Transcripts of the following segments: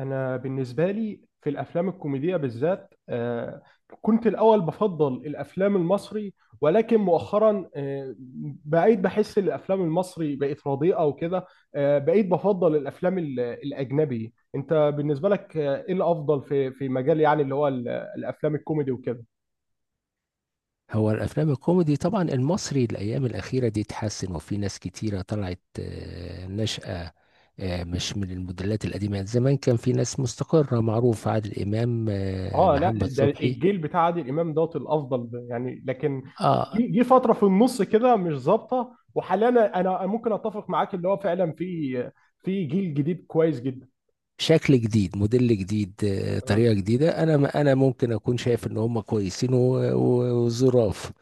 انا بالنسبه لي في الافلام الكوميديه بالذات كنت الاول بفضل الافلام المصري، ولكن مؤخرا بقيت بحس ان الافلام المصري بقت رديئه وكده. بقيت بفضل الافلام الاجنبي. انت بالنسبه لك ايه الافضل في مجال يعني اللي هو الافلام الكوميدي وكده؟ هو الافلام الكوميدي طبعا المصري الايام الاخيره دي اتحسن، وفي ناس كتيره طلعت ناشئه. مش من الموديلات القديمه، زمان كان في ناس مستقره معروف، عادل امام، اه، لا، محمد ده صبحي. الجيل بتاع عادل امام دوت الافضل، ده يعني لكن اه، جه فتره في النص كده مش ظابطه، وحاليا انا ممكن اتفق معاك اللي هو فعلا في جيل جديد كويس جدا. شكل جديد، موديل جديد، اه طريقه جديده. انا ما انا ممكن اكون شايف ان هم كويسين و- و- وظراف،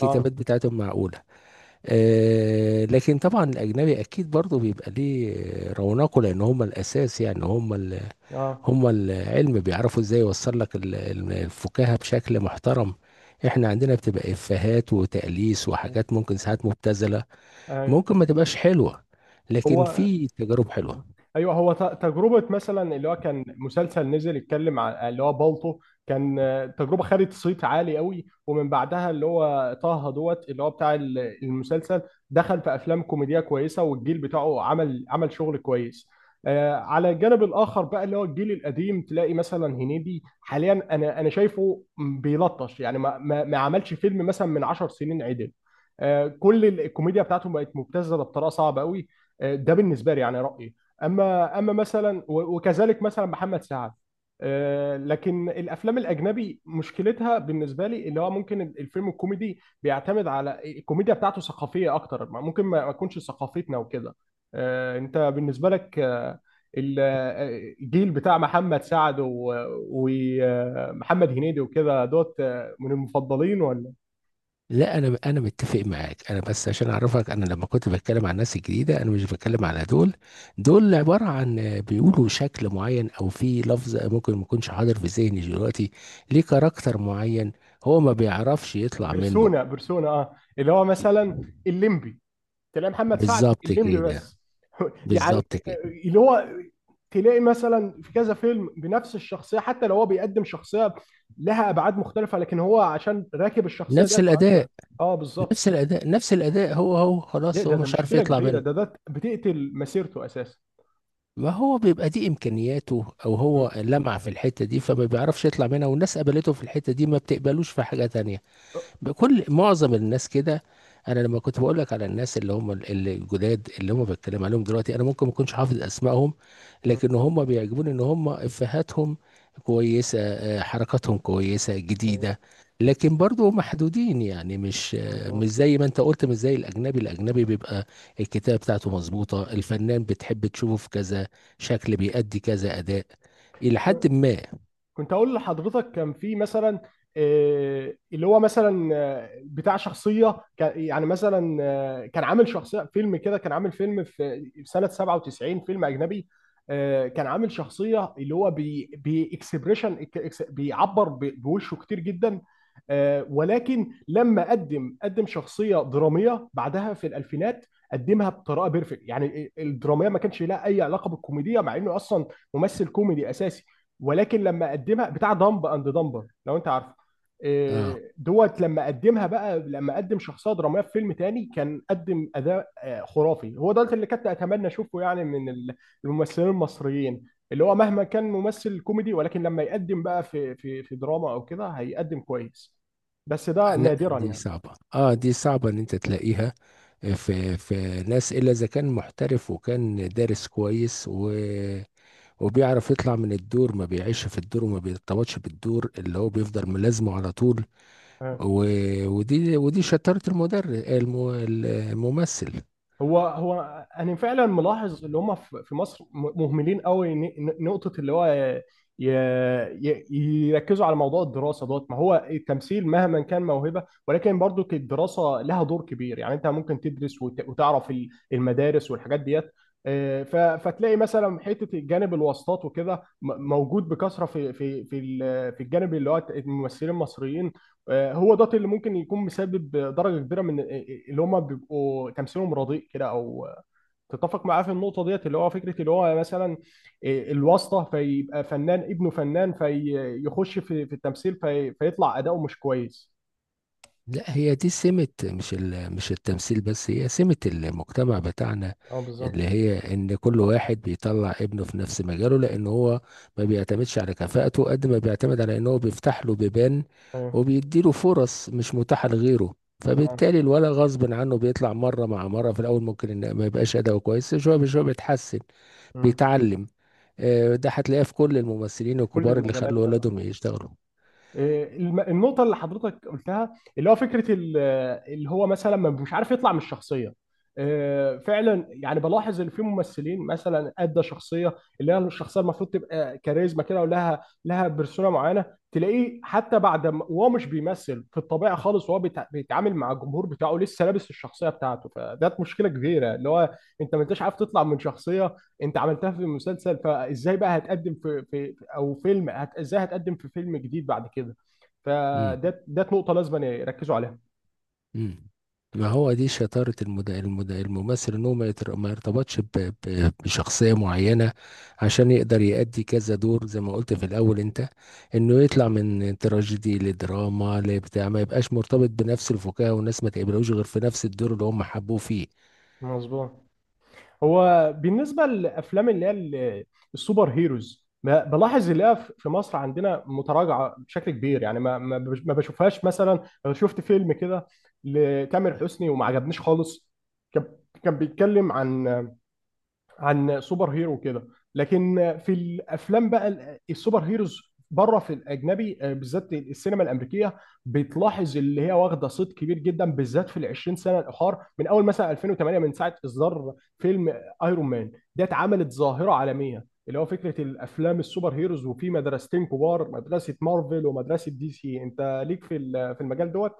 اه بتاعتهم معقوله. لكن طبعا الاجنبي اكيد برضه بيبقى ليه رونقه، لان هم الاساس. يعني هم اه هما العلم، بيعرفوا ازاي يوصل لك الفكاهة بشكل محترم. احنا عندنا بتبقى افيهات وتأليس وحاجات ممكن ساعات مبتذلة، ايوه، ممكن ما تبقاش حلوة، لكن هو في تجارب حلوة. تجربه مثلا اللي هو كان مسلسل نزل يتكلم عن اللي هو بالطو، كان تجربه خدت صيت عالي قوي، ومن بعدها اللي هو طه دوت اللي هو بتاع المسلسل، دخل في افلام كوميديه كويسه، والجيل بتاعه عمل شغل كويس. على الجانب الاخر بقى اللي هو الجيل القديم، تلاقي مثلا هنيدي حاليا، انا شايفه بيلطش يعني، ما عملش فيلم مثلا من 10 سنين عدل. كل الكوميديا بتاعته بقت مبتذله بطريقه صعبه قوي. ده بالنسبه لي يعني رايي. اما مثلا وكذلك مثلا محمد سعد. لكن الافلام الاجنبي مشكلتها بالنسبه لي اللي هو ممكن الفيلم الكوميدي بيعتمد على الكوميديا بتاعته ثقافيه اكتر، ممكن ما تكونش ثقافتنا وكده. انت بالنسبه لك الجيل بتاع محمد سعد ومحمد هنيدي وكده دوت، من المفضلين ولا؟ لا انا متفق معاك، انا بس عشان اعرفك، انا لما كنت بتكلم عن الناس الجديده انا مش بتكلم على دول. دول عباره عن بيقولوا شكل معين، او في لفظ ممكن ما يكونش حاضر في ذهني دلوقتي، ليه كاركتر معين هو ما بيعرفش يطلع منه. بيرسونا بيرسونا، اه، اللي هو مثلا الليمبي. تلاقي محمد سعد بالظبط الليمبي كده. بس يعني، بالظبط كده. اللي هو تلاقي مثلا في كذا فيلم بنفس الشخصيه، حتى لو هو بيقدم شخصيه لها ابعاد مختلفه، لكن هو عشان راكب الشخصيه نفس ديت ما عادش بقى. الاداء اه، بالظبط. نفس الاداء نفس الاداء، هو هو ده خلاص ده هو ده مش عارف مشكله يطلع كبيره، منه. ده بتقتل مسيرته اساسا. ما هو بيبقى دي امكانياته، او م- هو لمع في الحته دي فما بيعرفش يطلع منها، والناس قبلته في الحته دي ما بتقبلوش في حاجه تانية. بكل معظم الناس كده. انا لما كنت بقول لك على الناس اللي هم اللي الجداد اللي هم بتكلم عليهم دلوقتي، انا ممكن ما اكونش حافظ اسمائهم، م- لكن هم بيعجبوني ان هم افهاتهم كويسه، حركاتهم كويسه ايوه، جديده. لكن برضو محدودين، يعني مظبوط. مش زي ما انت قلت، مش زي الاجنبي. الاجنبي بيبقى الكتابه بتاعته مظبوطه، الفنان بتحب تشوفه في كذا شكل، بيأدي كذا اداء، الى حد ما. كنت اقول لحضرتك كان في مثلا اللي هو مثلا بتاع شخصيه كان يعني مثلا كان عامل شخصيه فيلم كده، كان عامل فيلم في سنه 97، فيلم اجنبي. كان عامل شخصيه اللي هو بي باكسبريشن، بيعبر بوشه كتير جدا. ولكن لما قدم شخصيه دراميه بعدها في الالفينات، قدمها بطريقه بيرفكت يعني. الدراميه ما كانش لها اي علاقه بالكوميديا، مع انه اصلا ممثل كوميدي اساسي. ولكن لما اقدمها بتاع دمب اند دمبر لو انت عارفه، اه إيه، دوت. لما قدمها بقى، لما قدم شخصيه دراميه في فيلم تاني، كان قدم اداء خرافي. هو ده اللي كنت اتمنى اشوفه يعني من الممثلين المصريين، اللي هو مهما كان ممثل كوميدي، ولكن لما يقدم بقى في في دراما او كده هيقدم كويس. بس ده لا، نادرا دي يعني. صعبة. اه دي صعبة ان انت تلاقيها في في ناس، الا اذا كان محترف وكان دارس كويس و وبيعرف يطلع من الدور، ما بيعيش في الدور وما بيرتبطش بالدور اللي هو بيفضل ملازمه على طول. آه. و... ودي شطارة الممثل. هو انا فعلا ملاحظ اللي هم في مصر مهملين قوي نقطه اللي هو ي- يركزوا على موضوع الدراسه دوت. ما هو التمثيل مهما كان موهبه، ولكن برضو الدراسه لها دور كبير يعني. انت ممكن تدرس وتعرف المدارس والحاجات ديت. فتلاقي مثلا حته جانب الواسطات وكده موجود بكثره في في في الجانب اللي هو الممثلين المصريين. هو ده اللي ممكن يكون مسبب درجه كبيره من اللي هم بيبقوا تمثيلهم رديء كده. او تتفق معاه في النقطه ديت اللي هو فكره اللي هو مثلا الواسطه، فيبقى فنان ابنه فنان فيخش في التمثيل، في فيطلع اداؤه مش كويس. لا، هي دي سمة مش مش التمثيل بس، هي سمة المجتمع بتاعنا، اه، اللي بالظبط. هي ان كل واحد بيطلع ابنه في نفس مجاله، لان هو ما بيعتمدش على كفاءته قد ما بيعتمد على ان هو بيفتح له بيبان ايوه، وبيديله فرص مش متاحة لغيره. تمام. فبالتالي الولد غصب عنه بيطلع مرة مع مرة، في الاول ممكن ان ما يبقاش اداؤه كويس، شوية بشوية بيتحسن، مم. بيتعلم. ده هتلاقيه في كل الممثلين في كل الكبار اللي المجالات خلوا كمان. ولادهم يشتغلوا. النقطة اللي حضرتك قلتها اللي هو فكرة اللي هو مثلا مش عارف يطلع من الشخصية. فعلا يعني بلاحظ ان في ممثلين مثلا ادى شخصية اللي هي الشخصية المفروض تبقى كاريزما كده، لها بيرسونا معينة، تلاقيه حتى بعد ما وهو مش بيمثل في الطبيعة خالص وهو بيتعامل مع الجمهور بتاعه لسه لابس الشخصية بتاعته. فده مشكلة كبيرة اللي هو انت ما انتش عارف تطلع من شخصية انت عملتها في مسلسل. فازاي بقى هتقدم في او فيلم ازاي هتقدم في فيلم جديد بعد كده؟ ده نقطة لازم يركزوا عليها. مم. ما هو دي شطارة الممثل، ان هو ما يرتبطش بشخصية معينة، عشان يقدر يأدي كذا دور زي ما قلت في الأول انت، انه يطلع من تراجيدي لدراما لبتاع، ما يبقاش مرتبط بنفس الفكاهة والناس ما تقبلوش غير في نفس الدور اللي هم حبوه فيه. مظبوط. هو بالنسبة للأفلام اللي هي السوبر هيروز بلاحظ اللي هي في مصر عندنا متراجعة بشكل كبير يعني. ما ما ما بشوفهاش. مثلا أنا شفت فيلم كده لتامر حسني وما عجبنيش خالص. كان كان بيتكلم عن سوبر هيرو كده. لكن في الافلام بقى السوبر هيروز بره في الاجنبي، بالذات السينما الامريكيه، بتلاحظ اللي هي واخده صيت كبير جدا، بالذات في ال 20 سنه الاخر، من اول مثلا 2008، من ساعه اصدار فيلم ايرون مان. ده اتعملت ظاهره عالميه اللي هو فكره الافلام السوبر هيروز، وفي مدرستين كبار، مدرسه مارفل ومدرسه دي سي. انت ليك في في المجال دوت؟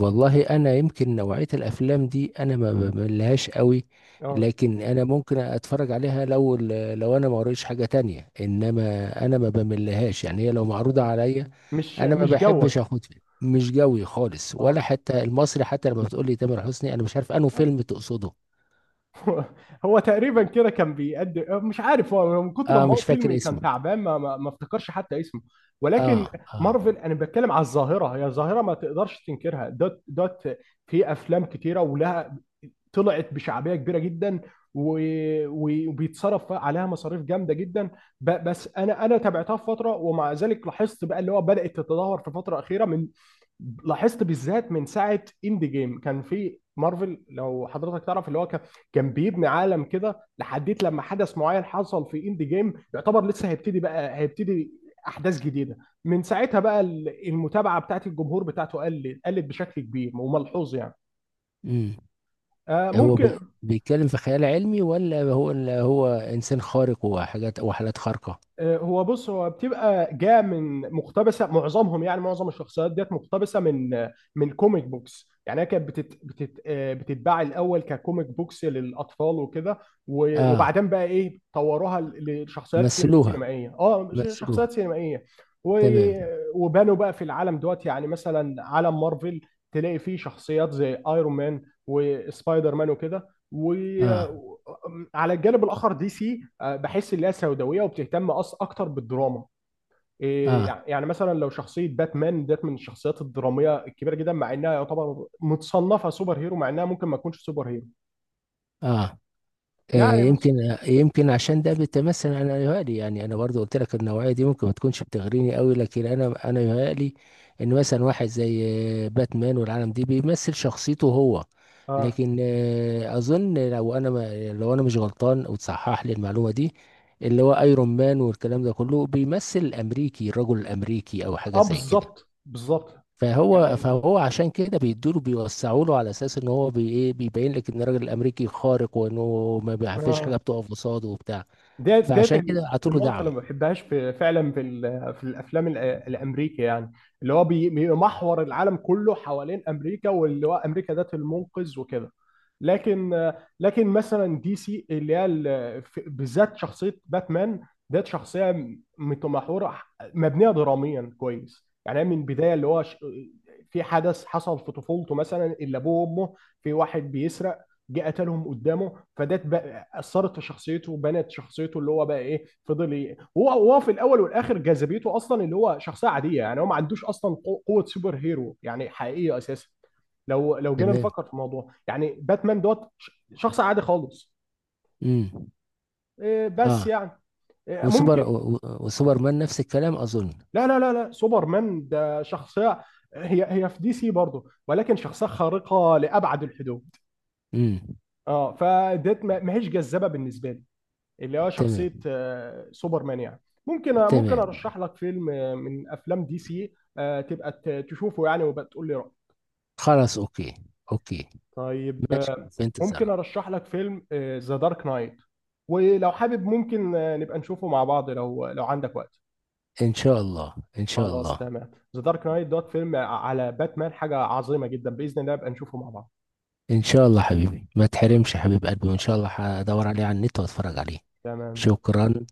والله انا يمكن نوعية الافلام دي انا ما بملهاش قوي، اه. لكن انا ممكن اتفرج عليها لو انا ما قريتش حاجة تانية، انما انا ما بملهاش يعني، هي لو معروضة آه. عليا. انا ما مش بحبش جوك. اخد فيلم مش جوي خالص، اه. ولا حتى المصري، حتى لما بتقول لي تامر حسني انا مش عارف انه فيلم تقصده. هو هو تقريبا كده كان بيقدم. مش عارف هو من كتر ما اه هو مش فيلم فاكر كان اسمه. تعبان ما افتكرش حتى اسمه. اه. ولكن اه. مارفل، انا بتكلم على الظاهره. هي ظاهره ما تقدرش تنكرها دوت دوت. في افلام كتيره، ولها طلعت بشعبيه كبيره جدا، وبيتصرف عليها مصاريف جامده جدا. بس انا تابعتها في فتره، ومع ذلك لاحظت بقى اللي هو بدات تتدهور في فتره اخيره من. لاحظت بالذات من ساعه اند جيم كان في مارفل، لو حضرتك تعرف اللي هو، كان بيبني عالم كده لحديت لما حدث معين حصل في اند جيم، يعتبر لسه هيبتدي بقى، هيبتدي احداث جديده. من ساعتها بقى المتابعه بتاعت الجمهور بتاعته قلت بشكل كبير وملحوظ يعني. امم هو ممكن بيتكلم في خيال علمي، ولا هو انسان خارق وحاجات وحالات خارقة؟ هو بص، هو بتبقى جاء من مقتبسه معظمهم يعني. معظم الشخصيات ديت مقتبسه من كوميك بوكس. يعني هي كانت بتت بتت بتتباع الاول ككوميك بوكس للاطفال وكده، اه، وبعدين بقى ايه طوروها لشخصيات مثلوها. سينمائيه. اه، مثلوها. شخصيات سينمائيه و- تمام. وبانوا بقى في العالم دوت. يعني مثلا عالم مارفل تلاقي فيه شخصيات زي ايرون مان وسبايدر مان وكده. اه. وعلى الجانب الاخر دي سي، بحس ان هي سوداويه وبتهتم أص اكتر بالدراما. إيه، اه. يعني مثلا لو شخصيه باتمان ديت من الشخصيات الدراميه الكبيره جدا، مع انها يعتبر متصنفه سوبر هيرو، مع انها ممكن ما تكونش سوبر هيرو. اه. يعني مثلا، يمكن يمكن عشان ده بيتمثل، انا يهيألي يعني، انا برضو قلت لك النوعيه دي ممكن ما تكونش بتغريني قوي، لكن انا يهيألي ان مثلا واحد زي باتمان والعالم دي بيمثل شخصيته هو. اه، لكن اظن، لو انا مش غلطان وتصحح لي المعلومه دي، اللي هو ايرون مان والكلام ده كله بيمثل الامريكي، الرجل الامريكي او حاجه اه، زي كده. بالظبط، بالظبط. يعني فهو انت، فهو عشان كده بيدوله، بيوسعوا له على اساس ان هو بي ايه بيبين لك ان الراجل الامريكي خارق، وانه ما بي- فيش حاجه اه، بتقف قصاده وبتاع، ديت فعشان كده عطوا له النقطة اللي دعم. ما بحبهاش في فعلا في في الأفلام الأمريكي، يعني اللي هو بيمحور العالم كله حوالين أمريكا، واللي هو أمريكا ذات المنقذ وكده. لكن مثلا دي سي اللي هي بالذات شخصية باتمان، ديت شخصية متمحورة مبنية دراميا كويس. يعني هي من البداية اللي هو في حدث حصل في طفولته مثلا، اللي أبوه وأمه في واحد بيسرق جه قتلهم قدامه، فده اثرت في شخصيته وبنت شخصيته اللي هو بقى. ايه فضل ايه؟ هو في الاول والاخر جاذبيته اصلا اللي هو شخصيه عاديه يعني، هو ما عندوش اصلا قوه سوبر هيرو يعني حقيقيه اساسا. لو جينا تمام. نفكر في الموضوع يعني، باتمان دوت شخص عادي خالص. امم إيه، اه. بس يعني. إيه، وسوبر ممكن. و- و- وسوبرمان نفس الكلام اظن. لا، لا، لا، لا، سوبرمان ده شخصيه هي هي في دي سي برضه، ولكن شخصيه خارقه لابعد الحدود. امم. اه، فديت ما هيش جذابه بالنسبه لي، اللي هو تمام. شخصية سوبرمان يعني. ممكن تمام. ارشح لك فيلم من افلام دي سي، تبقى تشوفه يعني وبقى تقول لي رأيك. خلاص. اوكي. اوكي. طيب، ماشي، في ممكن انتظارك. ارشح لك فيلم، ذا دارك نايت. ولو حابب ممكن نبقى نشوفه مع بعض، لو عندك وقت. ان شاء الله، ان شاء خلاص، الله. تمام. ذا دارك نايت دوت فيلم على باتمان، حاجة عظيمة جدا. بإذن الله نبقى نشوفه مع بعض. ان شاء الله حبيبي، ما تحرمش يا حبيب قلبي، وان شاء الله خلاص، هدور عليه على النت واتفرج عليه. تمام. شكرا.